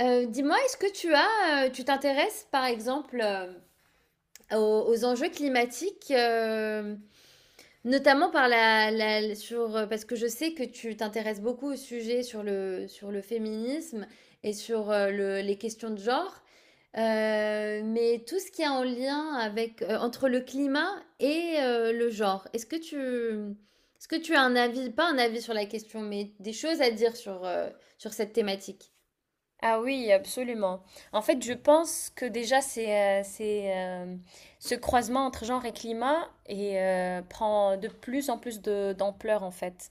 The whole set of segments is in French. Dis-moi, est-ce que tu t'intéresses par exemple, aux enjeux climatiques, notamment parce que je sais que tu t'intéresses beaucoup au sujet sur le féminisme et sur les questions de genre, mais tout ce qui est en lien avec, entre le climat et le genre. Est-ce que tu as un avis, pas un avis sur la question, mais des choses à dire sur, sur cette thématique? Ah oui, absolument. En fait, je pense que déjà, euh, c'est, euh, ce croisement entre genre et climat et, prend de plus en plus d'ampleur, en fait.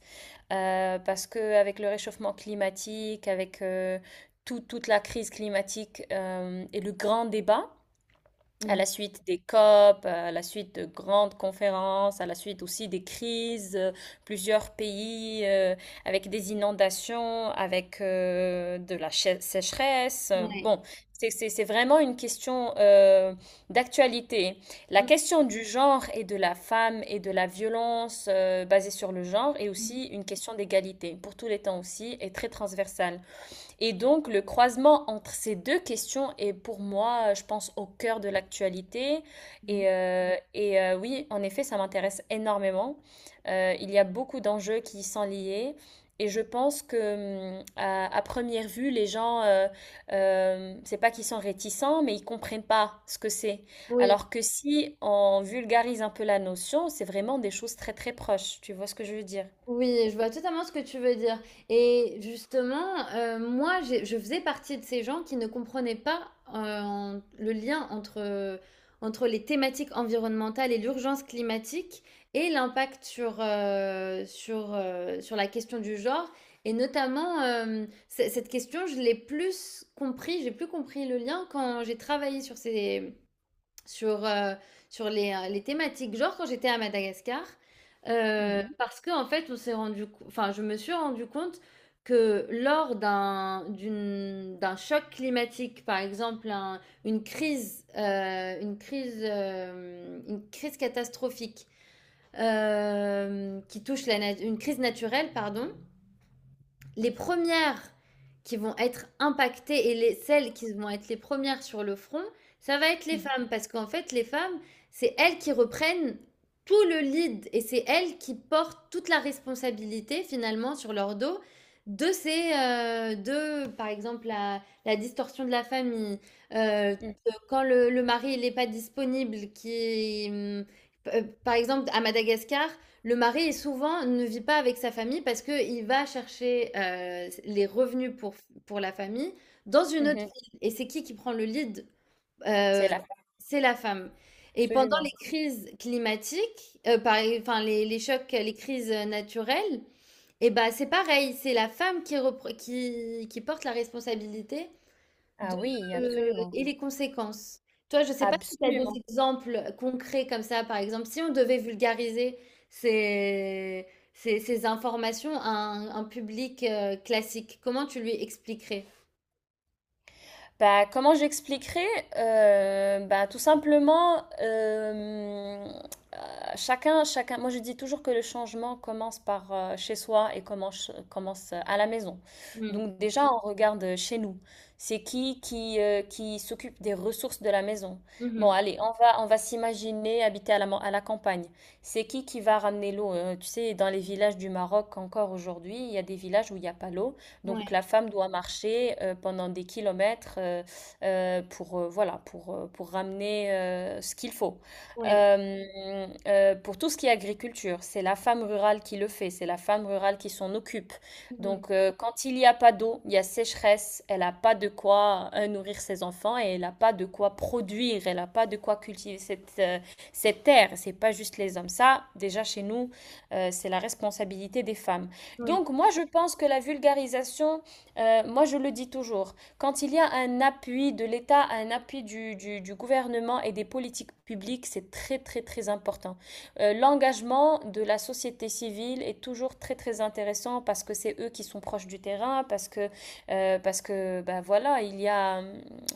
Parce que avec le réchauffement climatique, avec toute la crise climatique, et le grand débat, à Mhm. la suite des COP, à la suite de grandes conférences, à la suite aussi des crises, plusieurs pays, avec des inondations, avec de la sécheresse. Bon, c'est vraiment une question, d'actualité. La question du genre et de la femme et de la violence, basée sur le genre, est Ouais. aussi une question d'égalité, pour tous les temps aussi, et très transversale. Et donc, le croisement entre ces deux questions est, pour moi, je pense, au cœur de l'actualité. Mmh. Et oui, en effet, ça m'intéresse énormément. Il y a beaucoup d'enjeux qui y sont liés. Et je pense que, à première vue, les gens, c'est pas qu'ils sont réticents, mais ils comprennent pas ce que c'est. Oui, Alors que si on vulgarise un peu la notion, c'est vraiment des choses très très proches. Tu vois ce que je veux dire? oui, je vois totalement ce que tu veux dire. Et justement, moi, je faisais partie de ces gens qui ne comprenaient pas le lien entre, entre les thématiques environnementales et l'urgence climatique et l'impact sur la question du genre. Et notamment, cette question, je l'ai plus compris, j'ai plus compris le lien quand j'ai travaillé sur ces, sur, sur les thématiques. Genre quand j'étais à Madagascar, Mhm. parce que en fait, on s'est rendu, co- enfin, je me suis rendu compte que lors d'un choc climatique, par exemple, une crise catastrophique, qui touche une crise naturelle, pardon, les premières qui vont être impactées et celles qui vont être les premières sur le front, ça va être les femmes. Parce qu'en fait, les femmes, c'est elles qui reprennent tout le lead et c'est elles qui portent toute la responsabilité finalement sur leur dos par exemple, la distorsion de la famille, Mhm. quand le mari n'est pas disponible, par exemple, à Madagascar, le mari est souvent ne vit pas avec sa famille parce qu'il va chercher, les revenus pour la famille dans une Mhm. autre Mhm. ville, et c'est qui prend le lead? C'est Heu, là, c'est la femme, et pendant les absolument. crises climatiques, par enfin les chocs, les crises naturelles, et ben c'est pareil, c'est la femme qui repre qui porte la responsabilité de, Ah oui, absolument. et les conséquences. Toi, je ne sais pas si tu as des Absolument. exemples concrets comme ça, par exemple, si on devait vulgariser ces, ces informations à un public classique, comment tu lui expliquerais? Bah, comment j'expliquerai? Bah, tout simplement, euh, chacun, moi je dis toujours que le changement commence par, chez soi et commence à la maison. Mm, Donc déjà, on regarde chez nous. C'est qui s'occupe des ressources de la maison? Bon, mhm, allez, on va s'imaginer habiter à à la campagne. C'est qui va ramener l'eau? Tu sais, dans les villages du Maroc encore aujourd'hui, il y a des villages où il n'y a pas l'eau. Donc ouais, la femme doit marcher, pendant des kilomètres, voilà, pour ramener ce qu'il faut. ouais, Euh, pour tout ce qui est agriculture, c'est la femme rurale qui le fait, c'est la femme rurale qui s'en occupe. mhm, Donc quand il n'y a pas d'eau, il y a sécheresse, elle n'a pas de quoi, nourrir ses enfants, et elle n'a pas de quoi produire, elle n'a pas de quoi cultiver cette terre. C'est pas juste les hommes. Ça, déjà chez nous, c'est la responsabilité des femmes. oui, Donc moi, je pense que la vulgarisation, moi je le dis toujours, quand il y a un appui de l'État, un appui du gouvernement et des politiques publiques, c'est très très très important. L'engagement de la société civile est toujours très très intéressant parce que c'est eux qui sont proches du terrain, parce que bah, voilà, il y a,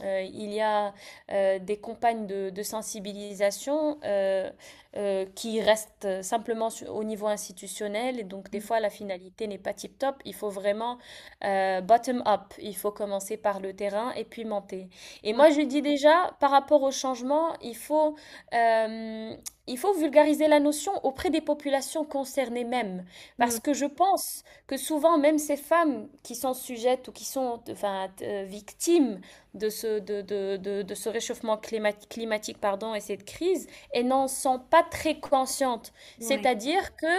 euh, il y a, des campagnes de sensibilisation, qui restent simplement au niveau institutionnel. Et donc, des mm, fois, la finalité n'est pas tip-top. Il faut vraiment, bottom-up. Il faut commencer par le terrain et puis monter. Et ouais, moi, je dis déjà, par rapport au changement, euh, il faut vulgariser la notion auprès des populations concernées même. mm, Parce que je pense que souvent, même ces femmes qui sont sujettes ou qui sont enfin, victimes de ce réchauffement climatique pardon, et cette crise, et n'en sont pas très conscientes. ouais, C'est-à-dire que,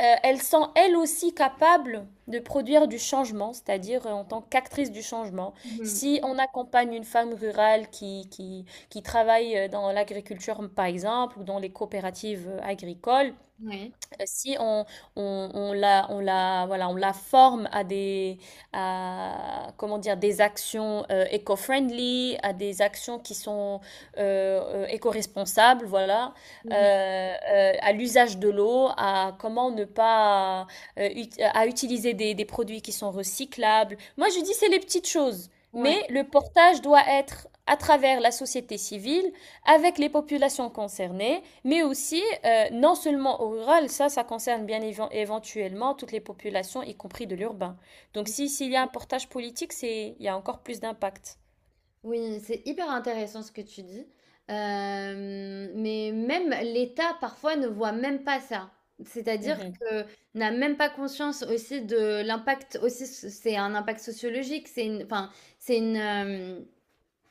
elles sont elles aussi capables de produire du changement, c'est-à-dire, en tant qu'actrice du changement. mhm, Si on accompagne une femme rurale qui travaille, dans l'agriculture, par exemple, ou dans les coopératives, agricoles, ouais, si on la, voilà, on la forme à des, à, comment dire, des actions, éco-friendly, à des actions qui sont, éco-responsables, voilà, mhm, euh, à l'usage de l'eau, à comment ne pas, à utiliser des produits qui sont recyclables. Moi, je dis c'est les petites choses, mais ouais. le portage doit être à travers la société civile, avec les populations concernées mais aussi, non seulement au rural, ça concerne bien éventuellement toutes les populations, y compris de l'urbain. Donc si s'il y a un portage politique, c'est il y a encore plus d'impact. Oui, c'est hyper intéressant ce que tu dis. Mais même l'État parfois ne voit même pas ça. C'est-à-dire Mhm. que n'a même pas conscience aussi de l'impact, aussi c'est un impact sociologique, c'est une enfin c'est une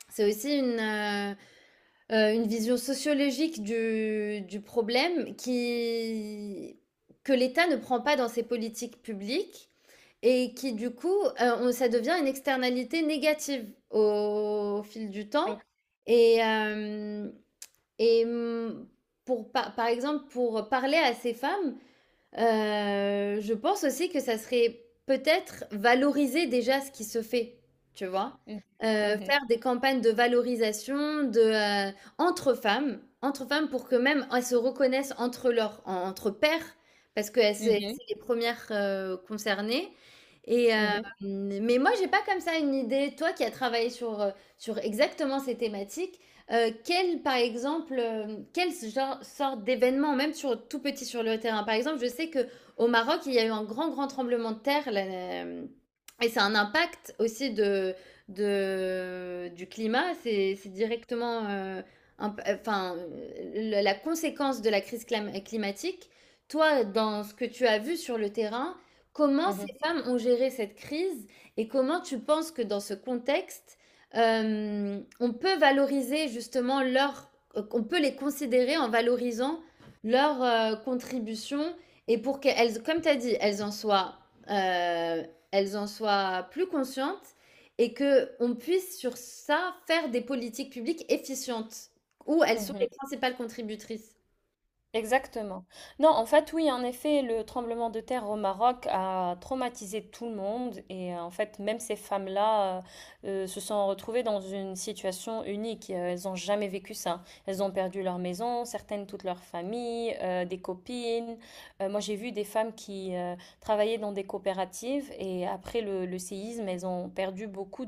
c'est aussi une vision sociologique du problème qui que l'État ne prend pas dans ses politiques publiques et qui du coup, on ça devient une externalité négative au fil du temps Oui. et hem et, pour par par exemple, pour parler à ces femmes. Je pense aussi que ça serait peut-être valoriser déjà ce qui se fait, tu vois? Mhm. Faire des campagnes de valorisation entre femmes pour que même elles se reconnaissent entre leurs en entre pairs, parce que elles, Mhm. c'est les premières res concernées, Mhm. Mhm. mais moi j'ai pas comme ça une idée. Toi qui as travaillé sur exactement ces thématiques, par exemple, quel genre, sorte d'événement, même tout petit sur le terrain? Par exemple, je sais que au Maroc, il y a eu un grand, grand tremblement de terre là, et c'est un impact aussi du climat. C'est directement, enfin, la conséquence de la crise climatique. Toi, dans ce que tu as vu sur le terrain, comment Mhm. ces femmes ont géré cette crise et comment tu penses que dans ce contexte, euh, on peut valoriser justement leur, on peut les considérer en valorisant leur contribution, et pour qu'elles, comme tu as dit, euh, elles en soient plus conscientes, et que on puisse sur ça faire des politiques publiques efficientes où elles sont Mhm. les principales contributrices. Exactement. Non, en fait, oui, en effet, le tremblement de terre au Maroc a traumatisé tout le monde et, en fait, même ces femmes-là, se sont retrouvées dans une situation unique. Elles n'ont jamais vécu ça. Elles ont perdu leur maison, certaines toute leur famille, des copines. Moi, j'ai vu des femmes qui, travaillaient dans des coopératives et après le séisme, elles ont perdu beaucoup,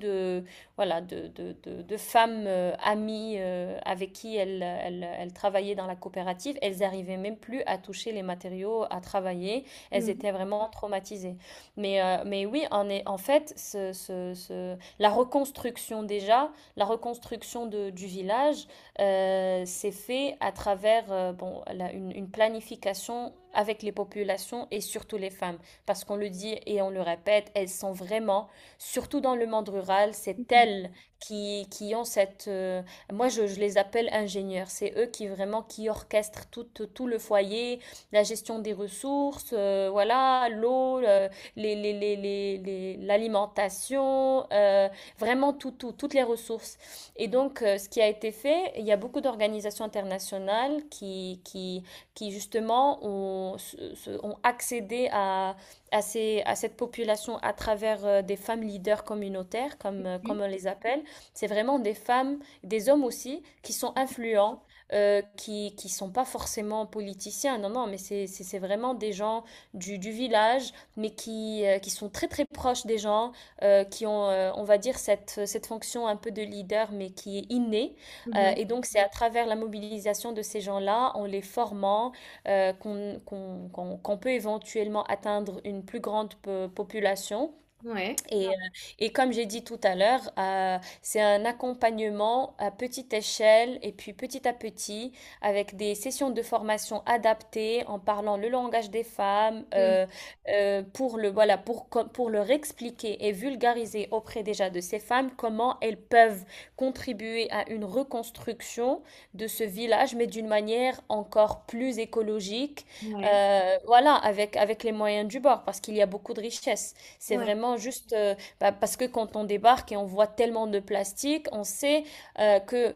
voilà, de femmes, amies, avec qui elles travaillaient dans la coopérative. Elles n'arrivaient même plus à toucher les matériaux, à travailler. Elles Mhm. étaient vraiment traumatisées. Mais, oui, en fait, la reconstruction déjà, la reconstruction du village, s'est fait à travers, bon, une planification avec les populations et surtout les femmes. Parce qu'on le dit et on le répète, elles sont vraiment, surtout dans le monde rural, c'est elles qui ont cette, moi, je les appelle ingénieurs. C'est eux qui vraiment qui orchestrent tout, tout le foyer, la gestion des ressources, voilà, l'eau, l'alimentation, vraiment toutes les ressources. Et donc, ce qui a été fait, il y a beaucoup d'organisations internationales qui justement ont accédé à, à cette population à travers, des femmes leaders communautaires, comme, Mhm. comme on les appelle. C'est vraiment des femmes, des hommes aussi, qui sont influents, qui ne sont pas forcément politiciens, non, non, mais c'est vraiment des gens du village, mais qui sont très très proches des gens, qui ont, on va dire, cette fonction un peu de leader, mais qui est innée. Et donc c'est à travers la mobilisation de ces gens-là, en les formant, qu'on peut éventuellement atteindre une plus grande population Mhm. Ouais. et, comme j'ai dit tout à l'heure, c'est un accompagnement à petite échelle, et puis petit à petit, avec des sessions de formation adaptées, en parlant le langage des femmes, Mm. Pour voilà, pour leur expliquer et vulgariser auprès déjà de ces femmes comment elles peuvent contribuer à une reconstruction de ce village, mais d'une manière encore plus écologique, Ouais. Voilà, avec les moyens du bord, parce qu'il y a beaucoup de richesses. C'est Ouais. vraiment juste, bah, parce que quand on débarque et on voit tellement de plastique, on sait, que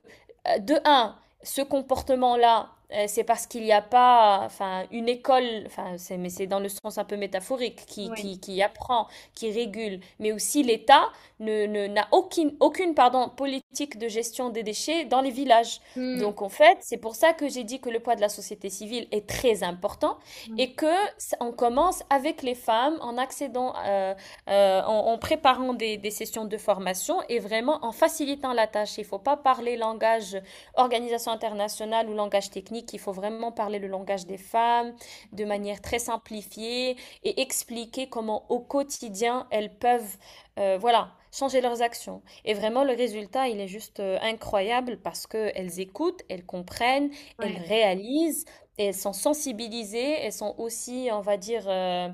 de un, ce comportement-là, c'est parce qu'il n'y a pas, enfin, une école, enfin, c'est, mais c'est dans le sens un peu métaphorique, Ouais. Qui apprend, qui régule, mais aussi l'État n'a aucune, pardon, politique de gestion des déchets dans les villages. Mm. Donc, en fait, c'est pour ça que j'ai dit que le poids de la société civile est très important, Ouais. et que on commence avec les femmes en accédant, en, en préparant des sessions de formation et vraiment en facilitant la tâche. Il ne faut pas parler langage organisation internationale ou langage technique. Il faut vraiment parler le langage des femmes de manière très simplifiée et expliquer comment au quotidien elles peuvent, voilà, changer leurs actions. Et vraiment, le résultat, il est juste, incroyable, parce que elles écoutent, elles comprennent, elles Ouais. réalisent et elles sont sensibilisées, elles sont aussi, on va dire, euh,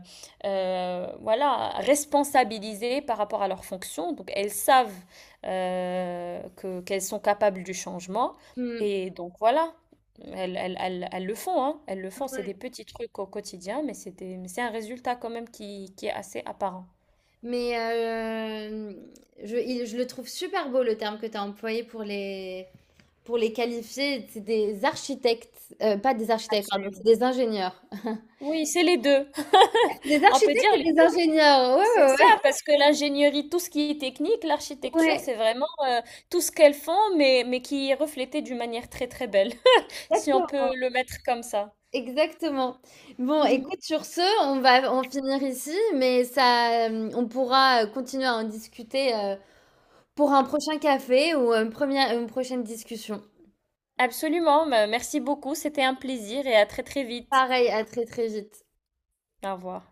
euh, voilà, responsabilisées par rapport à leurs fonctions. Donc elles savent, que qu'elles sont capables du changement. Mm. Et donc voilà, elles le font, hein, elles le font. C'est Ouais. des petits trucs au quotidien, mais mais c'est un résultat quand même qui est assez apparent. Mais, je le trouve super beau le terme que tu as employé pour les qualifier. C'est des architectes, pas des architectes, pardon, c'est Absolument. des ingénieurs. Oui, c'est les deux. Des On peut dire, architectes et des ingénieurs, c'est ouais, ça, ouais, parce que l'ingénierie, tout ce qui est technique, ouais. l'architecture, Ouais, c'est vraiment, tout ce qu'elles font, mais qui est reflété d'une manière très très belle, si on peut exactement. le mettre comme ça. Exactement. Bon, Mhm. écoute, sur ce, on va en finir ici, mais ça, on pourra continuer à en discuter pour un prochain café ou une prochaine discussion. Absolument, bah, merci beaucoup, c'était un plaisir, et à très très vite. Pareil, à très très vite. Au revoir.